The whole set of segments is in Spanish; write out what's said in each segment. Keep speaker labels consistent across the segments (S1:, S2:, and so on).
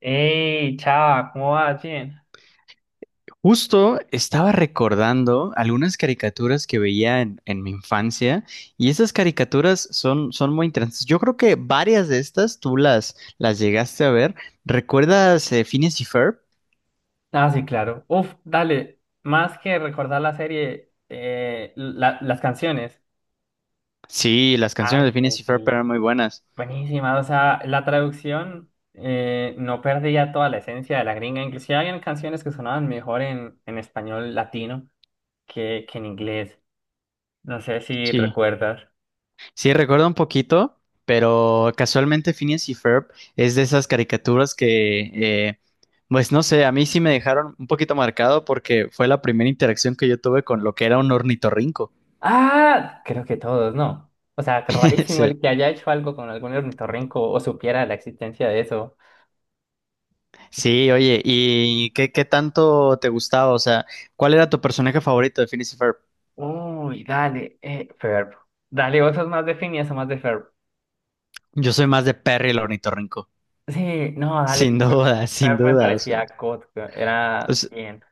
S1: ¡Ey, chava! ¿Cómo vas? Bien.
S2: Justo estaba recordando algunas caricaturas que veía en mi infancia y esas caricaturas son muy interesantes. Yo creo que varias de estas tú las llegaste a ver. ¿Recuerdas Phineas y Ferb?
S1: Ah, sí, claro. Uf, dale. Más que recordar la serie, las canciones.
S2: Sí, las canciones
S1: Ah,
S2: de Phineas
S1: sí,
S2: y Ferb
S1: sí.
S2: eran muy buenas.
S1: Buenísima. O sea, la traducción no perdía toda la esencia de la gringa. Inclusive habían canciones que sonaban mejor en español latino que en inglés. No sé si
S2: Sí,
S1: recuerdas.
S2: sí, recuerdo un poquito, pero casualmente Phineas y Ferb es de esas caricaturas que, pues no sé, a mí sí me dejaron un poquito marcado porque fue la primera interacción que yo tuve con lo que era un ornitorrinco.
S1: Ah, creo que todos, ¿no? O sea, rarísimo
S2: Sí.
S1: el que haya hecho algo con algún ornitorrinco o supiera la existencia de eso.
S2: Sí, oye, ¿y qué tanto te gustaba? O sea, ¿cuál era tu personaje favorito de Phineas y Ferb?
S1: Uy, dale, Ferb. Dale, vos sos más de Finn y más de Ferb.
S2: Yo soy más de Perry el ornitorrinco.
S1: Sí, no, dale,
S2: Sin
S1: Ferb,
S2: duda, sin
S1: Ferb me
S2: duda. O sea,
S1: parecía God, era
S2: pues,
S1: bien.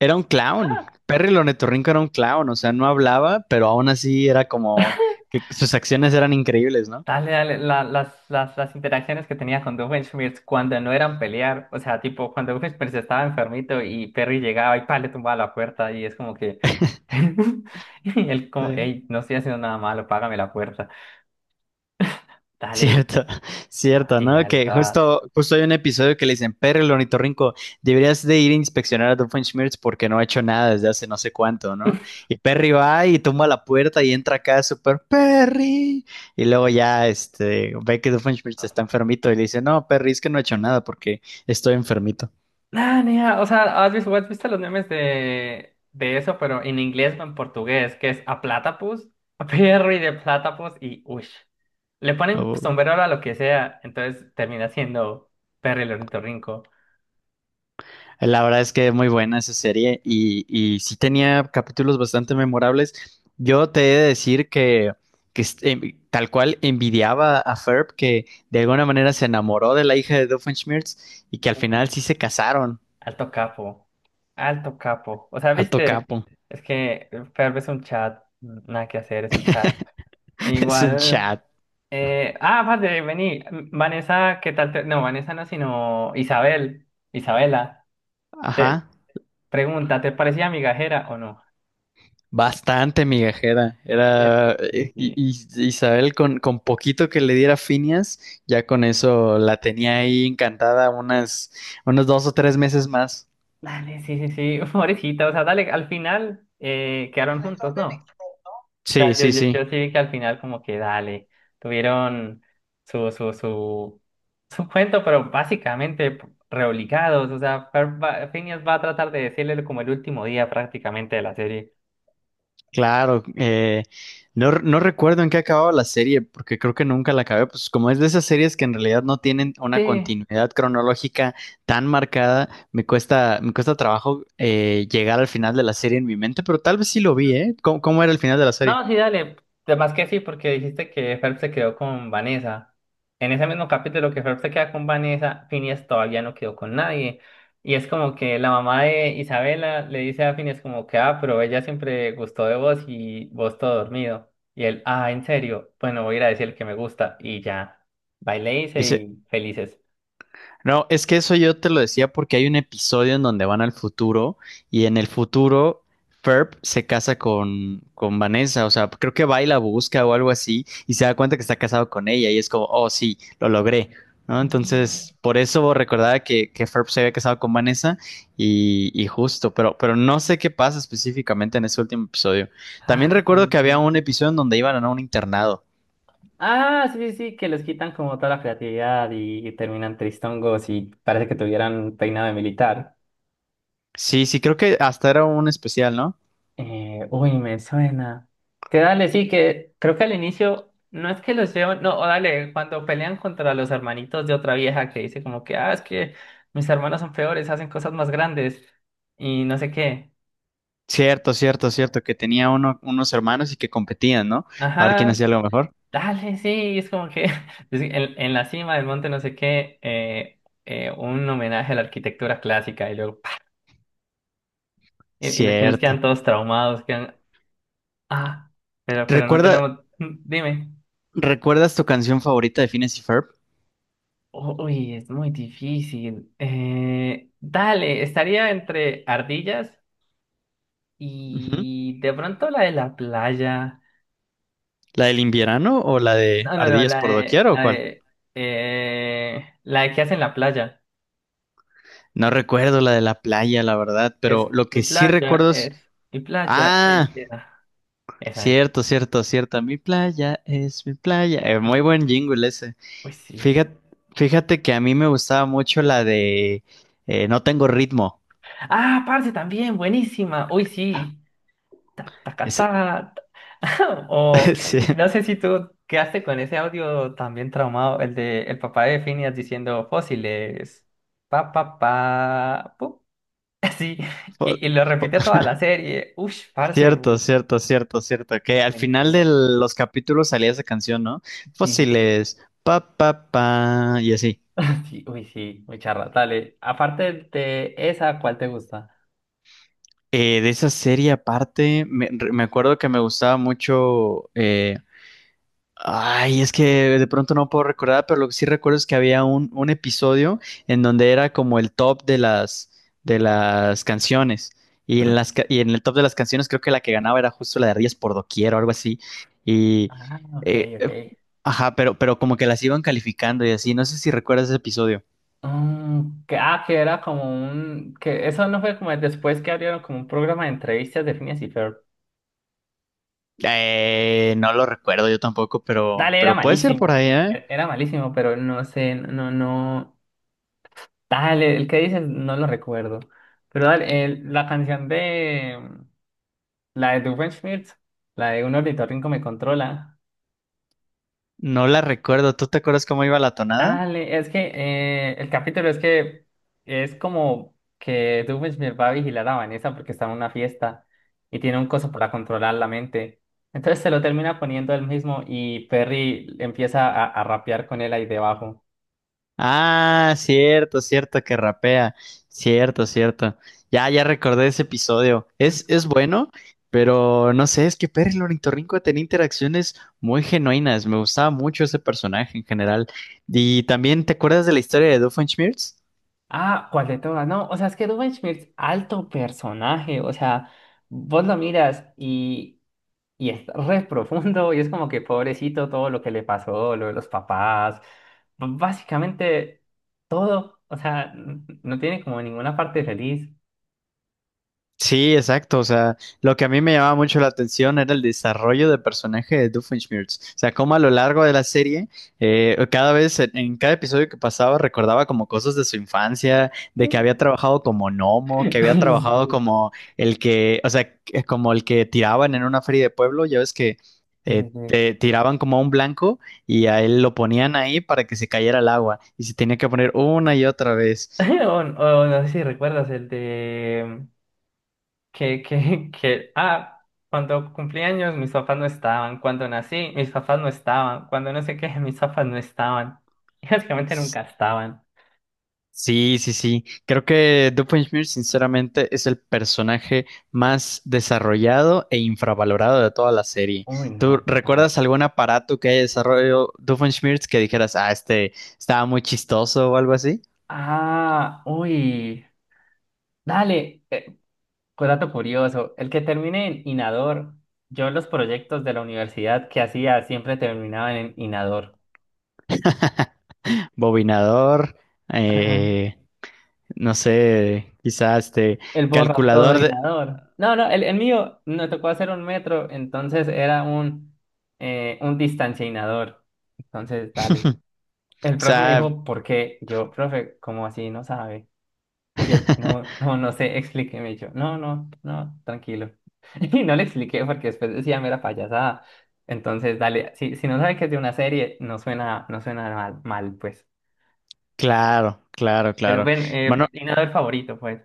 S2: era un clown.
S1: Ah,
S2: Perry el ornitorrinco era un clown. O sea, no hablaba, pero aún así era como que sus acciones eran increíbles, ¿no?
S1: dale, dale, las interacciones que tenía con Doofenshmirtz cuando no eran pelear, o sea, tipo, cuando Doofenshmirtz estaba enfermito y Perry llegaba y pa, le tumbaba la puerta y es como que... Y él como,
S2: Sí.
S1: hey, no estoy haciendo nada malo, págame la puerta. Dale,
S2: Cierto,
S1: no,
S2: cierto,
S1: sí,
S2: ¿no?
S1: dale,
S2: Que
S1: estaba...
S2: justo hay un episodio que le dicen, Perry el ornitorrinco, deberías de ir a inspeccionar a Doofenshmirtz porque no ha hecho nada desde hace no sé cuánto, ¿no? Y Perry va y toma la puerta y entra acá súper Perry. Y luego ya este, ve que Doofenshmirtz está enfermito y le dice, no, Perry, es que no he hecho nada porque estoy enfermito.
S1: Ah, nea, o sea, has visto los memes de eso, pero en inglés o en portugués, que es a platypus, a perro y de platypus y ush. Le ponen
S2: Oh.
S1: sombrero a lo que sea, entonces termina siendo perro el ornitorrinco.
S2: La verdad es que es muy buena esa serie y sí tenía capítulos bastante memorables. Yo te he de decir que tal cual envidiaba a Ferb que de alguna manera se enamoró de la hija de Doofenshmirtz y que al final
S1: Oh.
S2: sí se casaron.
S1: Alto capo, alto capo. O sea,
S2: Alto
S1: viste,
S2: capo.
S1: es que Ferb es un chat, nada que hacer, es un chat. E
S2: Es un
S1: igual,
S2: chat.
S1: vale, vení, Vanessa, ¿qué tal? No, Vanessa no, sino Isabel, Isabela. Te,
S2: Ajá.
S1: Pregunta, ¿te parecía migajera o no?
S2: Bastante migajera. Era
S1: Cierto, sí, sí.
S2: Isabel con poquito que le diera Finias, ya con eso la tenía ahí encantada unas, unos dos o tres meses más.
S1: Dale, sí, sí, sí, pobrecita, o sea, dale, al final quedaron juntos, ¿no? O
S2: Sí,
S1: sea,
S2: sí, sí.
S1: yo sí vi que al final como que dale, tuvieron su, su, su, su cuento, pero básicamente reobligados, o sea, Phineas va a tratar de decirle como el último día prácticamente de la serie.
S2: Claro, no, no recuerdo en qué acababa la serie, porque creo que nunca la acabé. Pues como es de esas series que en realidad no tienen
S1: Sí,
S2: una continuidad cronológica tan marcada, me cuesta trabajo llegar al final de la serie en mi mente, pero tal vez sí lo vi, ¿eh? ¿Cómo, cómo era el final de la serie?
S1: no, sí, dale. Además que sí, porque dijiste que Phelps se quedó con Vanessa. En ese mismo capítulo que Phelps se queda con Vanessa, Phineas todavía no quedó con nadie. Y es como que la mamá de Isabela le dice a Phineas como que, ah, pero ella siempre gustó de vos y vos todo dormido. Y él, ah, ¿en serio? Bueno, voy a ir a decir que me gusta. Y ya, va y le dice y felices.
S2: No, es que eso yo te lo decía porque hay un episodio en donde van al futuro y en el futuro Ferb se casa con Vanessa, o sea, creo que va y la busca o algo así y se da cuenta que está casado con ella y es como, oh sí, lo logré, ¿no?
S1: Mm.
S2: Entonces, por eso recordaba que Ferb se había casado con Vanessa y justo, pero no sé qué pasa específicamente en ese último episodio. También
S1: Ah, ok,
S2: recuerdo que había
S1: ok.
S2: un episodio en donde iban a un internado.
S1: Ah, sí, sí, sí, que les quitan como toda la creatividad y terminan tristongos y parece que tuvieran peinado de militar.
S2: Sí, sí, creo que hasta era un especial, ¿no?
S1: Uy, me suena. Que dale, sí, que creo que al inicio no es que los llevan, no, o dale, cuando pelean contra los hermanitos de otra vieja que dice como que, ah, es que mis hermanos son peores, hacen cosas más grandes y no sé qué.
S2: Cierto, cierto, cierto, que tenía uno, unos hermanos y que competían, ¿no? A ver quién hacía
S1: Ajá,
S2: lo mejor.
S1: dale, sí, es como que es que en la cima del monte no sé qué, un homenaje a la arquitectura clásica y luego... y los chinos quedan
S2: Cierto.
S1: todos traumados, quedan, ah, pero no
S2: ¿Recuerda,
S1: tenemos, mm, dime,
S2: recuerdas tu canción favorita de Phineas y Ferb?
S1: uy, es muy difícil. Dale, estaría entre ardillas
S2: Ujú.
S1: y de pronto la de la playa.
S2: ¿La del invierno o la de
S1: No, no, no,
S2: Ardillas por doquier o cuál?
S1: la de que hacen la playa.
S2: No recuerdo la de la playa, la verdad,
S1: Que es
S2: pero lo
S1: mi
S2: que sí
S1: playa,
S2: recuerdo
S1: es
S2: es...
S1: mi playa, es
S2: Ah,
S1: esa, esa. Esa.
S2: cierto, cierto, cierto. Mi playa es mi playa. Muy
S1: Ujú.
S2: buen jingle ese.
S1: Uy, sí.
S2: Fíjate, fíjate que a mí me gustaba mucho la de No tengo ritmo.
S1: Ah, parce, también, buenísima. Uy, sí. Ta, taca,
S2: Es-
S1: ta, ta. O
S2: sí.
S1: no sé si tú quedaste con ese audio también traumado, el de el papá de Phineas diciendo fósiles, pa, pa, pa, pu. Así,
S2: Po-
S1: y lo
S2: po-
S1: repite toda la serie. Ush, parce,
S2: Cierto, cierto, cierto, cierto. Que al final de
S1: buenísimo.
S2: los capítulos salía esa canción, ¿no?
S1: Sí, sí, sí.
S2: Fósiles, pa, pa, pa, y así.
S1: Sí, uy, sí, muy charra. Dale, aparte de esa, ¿cuál te gusta?
S2: De esa serie aparte, me acuerdo que me gustaba mucho. Ay, es que de pronto no puedo recordar, pero lo que sí recuerdo es que había un episodio en donde era como el top de de las canciones. Y en y en el top de las canciones, creo que la que ganaba era justo la de Rías por Doquier o algo así. Y.
S1: Ah, ok,
S2: eh,
S1: ok.
S2: Ajá, pero como que las iban calificando y así. No sé si recuerdas ese episodio.
S1: Mm, que, ah, que era como un... que eso no fue como el después que abrieron como un programa de entrevistas de Phineas y Ferb.
S2: No lo recuerdo yo tampoco,
S1: Dale, era
S2: pero puede ser por
S1: malísimo.
S2: ahí, ¿eh?
S1: Era malísimo, pero no sé, no, no. Dale, el que dices no lo recuerdo. Pero dale, la canción de la de Doofenshmirtz, la de un ornitorrinco me controla.
S2: No la recuerdo. ¿Tú te acuerdas cómo iba la tonada?
S1: Dale, es que el capítulo es que es como que Doofenshmirtz va a vigilar a Vanessa porque está en una fiesta y tiene un coso para controlar la mente. Entonces se lo termina poniendo él mismo y Perry empieza a rapear con él ahí debajo.
S2: Ah, cierto, cierto, que rapea. Cierto, cierto. Ya recordé ese episodio. Es bueno, pero no sé, es que Perry el Ornitorrinco tenía interacciones muy genuinas. Me gustaba mucho ese personaje en general. Y también, ¿te acuerdas de la historia de Doofenshmirtz?
S1: Ah, ¿cuál de todas? No, o sea, es que Ruben Schmidt, alto personaje, o sea, vos lo miras y es re profundo y es como que pobrecito todo lo que le pasó, lo de los papás, básicamente todo, o sea, no tiene como ninguna parte feliz.
S2: Sí, exacto. O sea, lo que a mí me llamaba mucho la atención era el desarrollo de personaje de Doofenshmirtz. O sea, cómo a lo largo de la serie, cada vez, en cada episodio que pasaba, recordaba como cosas de su infancia, de que había trabajado como gnomo, que había trabajado
S1: Ay,
S2: como el que, o sea, como el que tiraban en una feria de pueblo. Ya ves que
S1: sí, sí, sí.
S2: te
S1: Sí.
S2: tiraban como a un blanco y a él lo ponían ahí para que se cayera al agua y se tenía que poner una y otra vez.
S1: O, o no sé si recuerdas el de... ah, cuando cumplí años mis papás no estaban, cuando nací mis papás no estaban, cuando no sé qué mis papás no estaban. Básicamente nunca estaban.
S2: Sí, sí, sí. Creo que Doofenshmirtz, sinceramente, es el personaje más desarrollado e infravalorado de toda la serie.
S1: Uy,
S2: ¿Tú
S1: no, total.
S2: recuerdas algún aparato que haya desarrollado Doofenshmirtz que dijeras, ah, este estaba muy chistoso o algo así?
S1: Ah, uy. Dale, dato curioso. El que termine en Inador, yo los proyectos de la universidad que hacía siempre terminaban en Inador.
S2: Bobinador, eh, no sé, quizás este
S1: El
S2: calculador de...
S1: borratodoinador. No, no, el mío me tocó hacer un metro, entonces era un distanciador. Entonces, dale.
S2: O
S1: El profe me
S2: sea,
S1: dijo, ¿por qué? Yo, profe, ¿cómo así? No sabe. Y él, no, no, no sé, explíqueme. Y yo, no, no, no, tranquilo. Y no le expliqué porque después decía mera payasada. Entonces, dale, si, si no sabe que es de una serie, no suena, no suena mal, mal, pues.
S2: claro, claro,
S1: Pero
S2: claro.
S1: ven,
S2: Bueno.
S1: inador favorito, pues.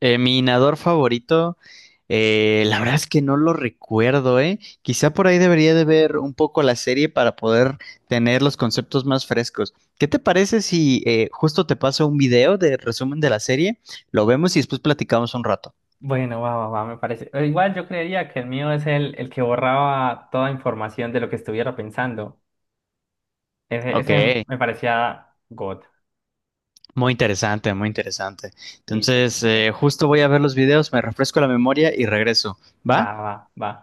S2: Mi inador favorito, la verdad es que no lo recuerdo, ¿eh? Quizá por ahí debería de ver un poco la serie para poder tener los conceptos más frescos. ¿Qué te parece si justo te paso un video de resumen de la serie? Lo vemos y después platicamos un rato.
S1: Bueno, va, va, va, me parece. Igual yo creería que el mío es el que borraba toda información de lo que estuviera pensando. Ese
S2: Ok,
S1: me parecía God.
S2: muy interesante, muy interesante.
S1: Listo.
S2: Entonces,
S1: Bueno,
S2: justo voy a ver los videos, me refresco la memoria y regreso.
S1: va,
S2: ¿Va?
S1: va, va.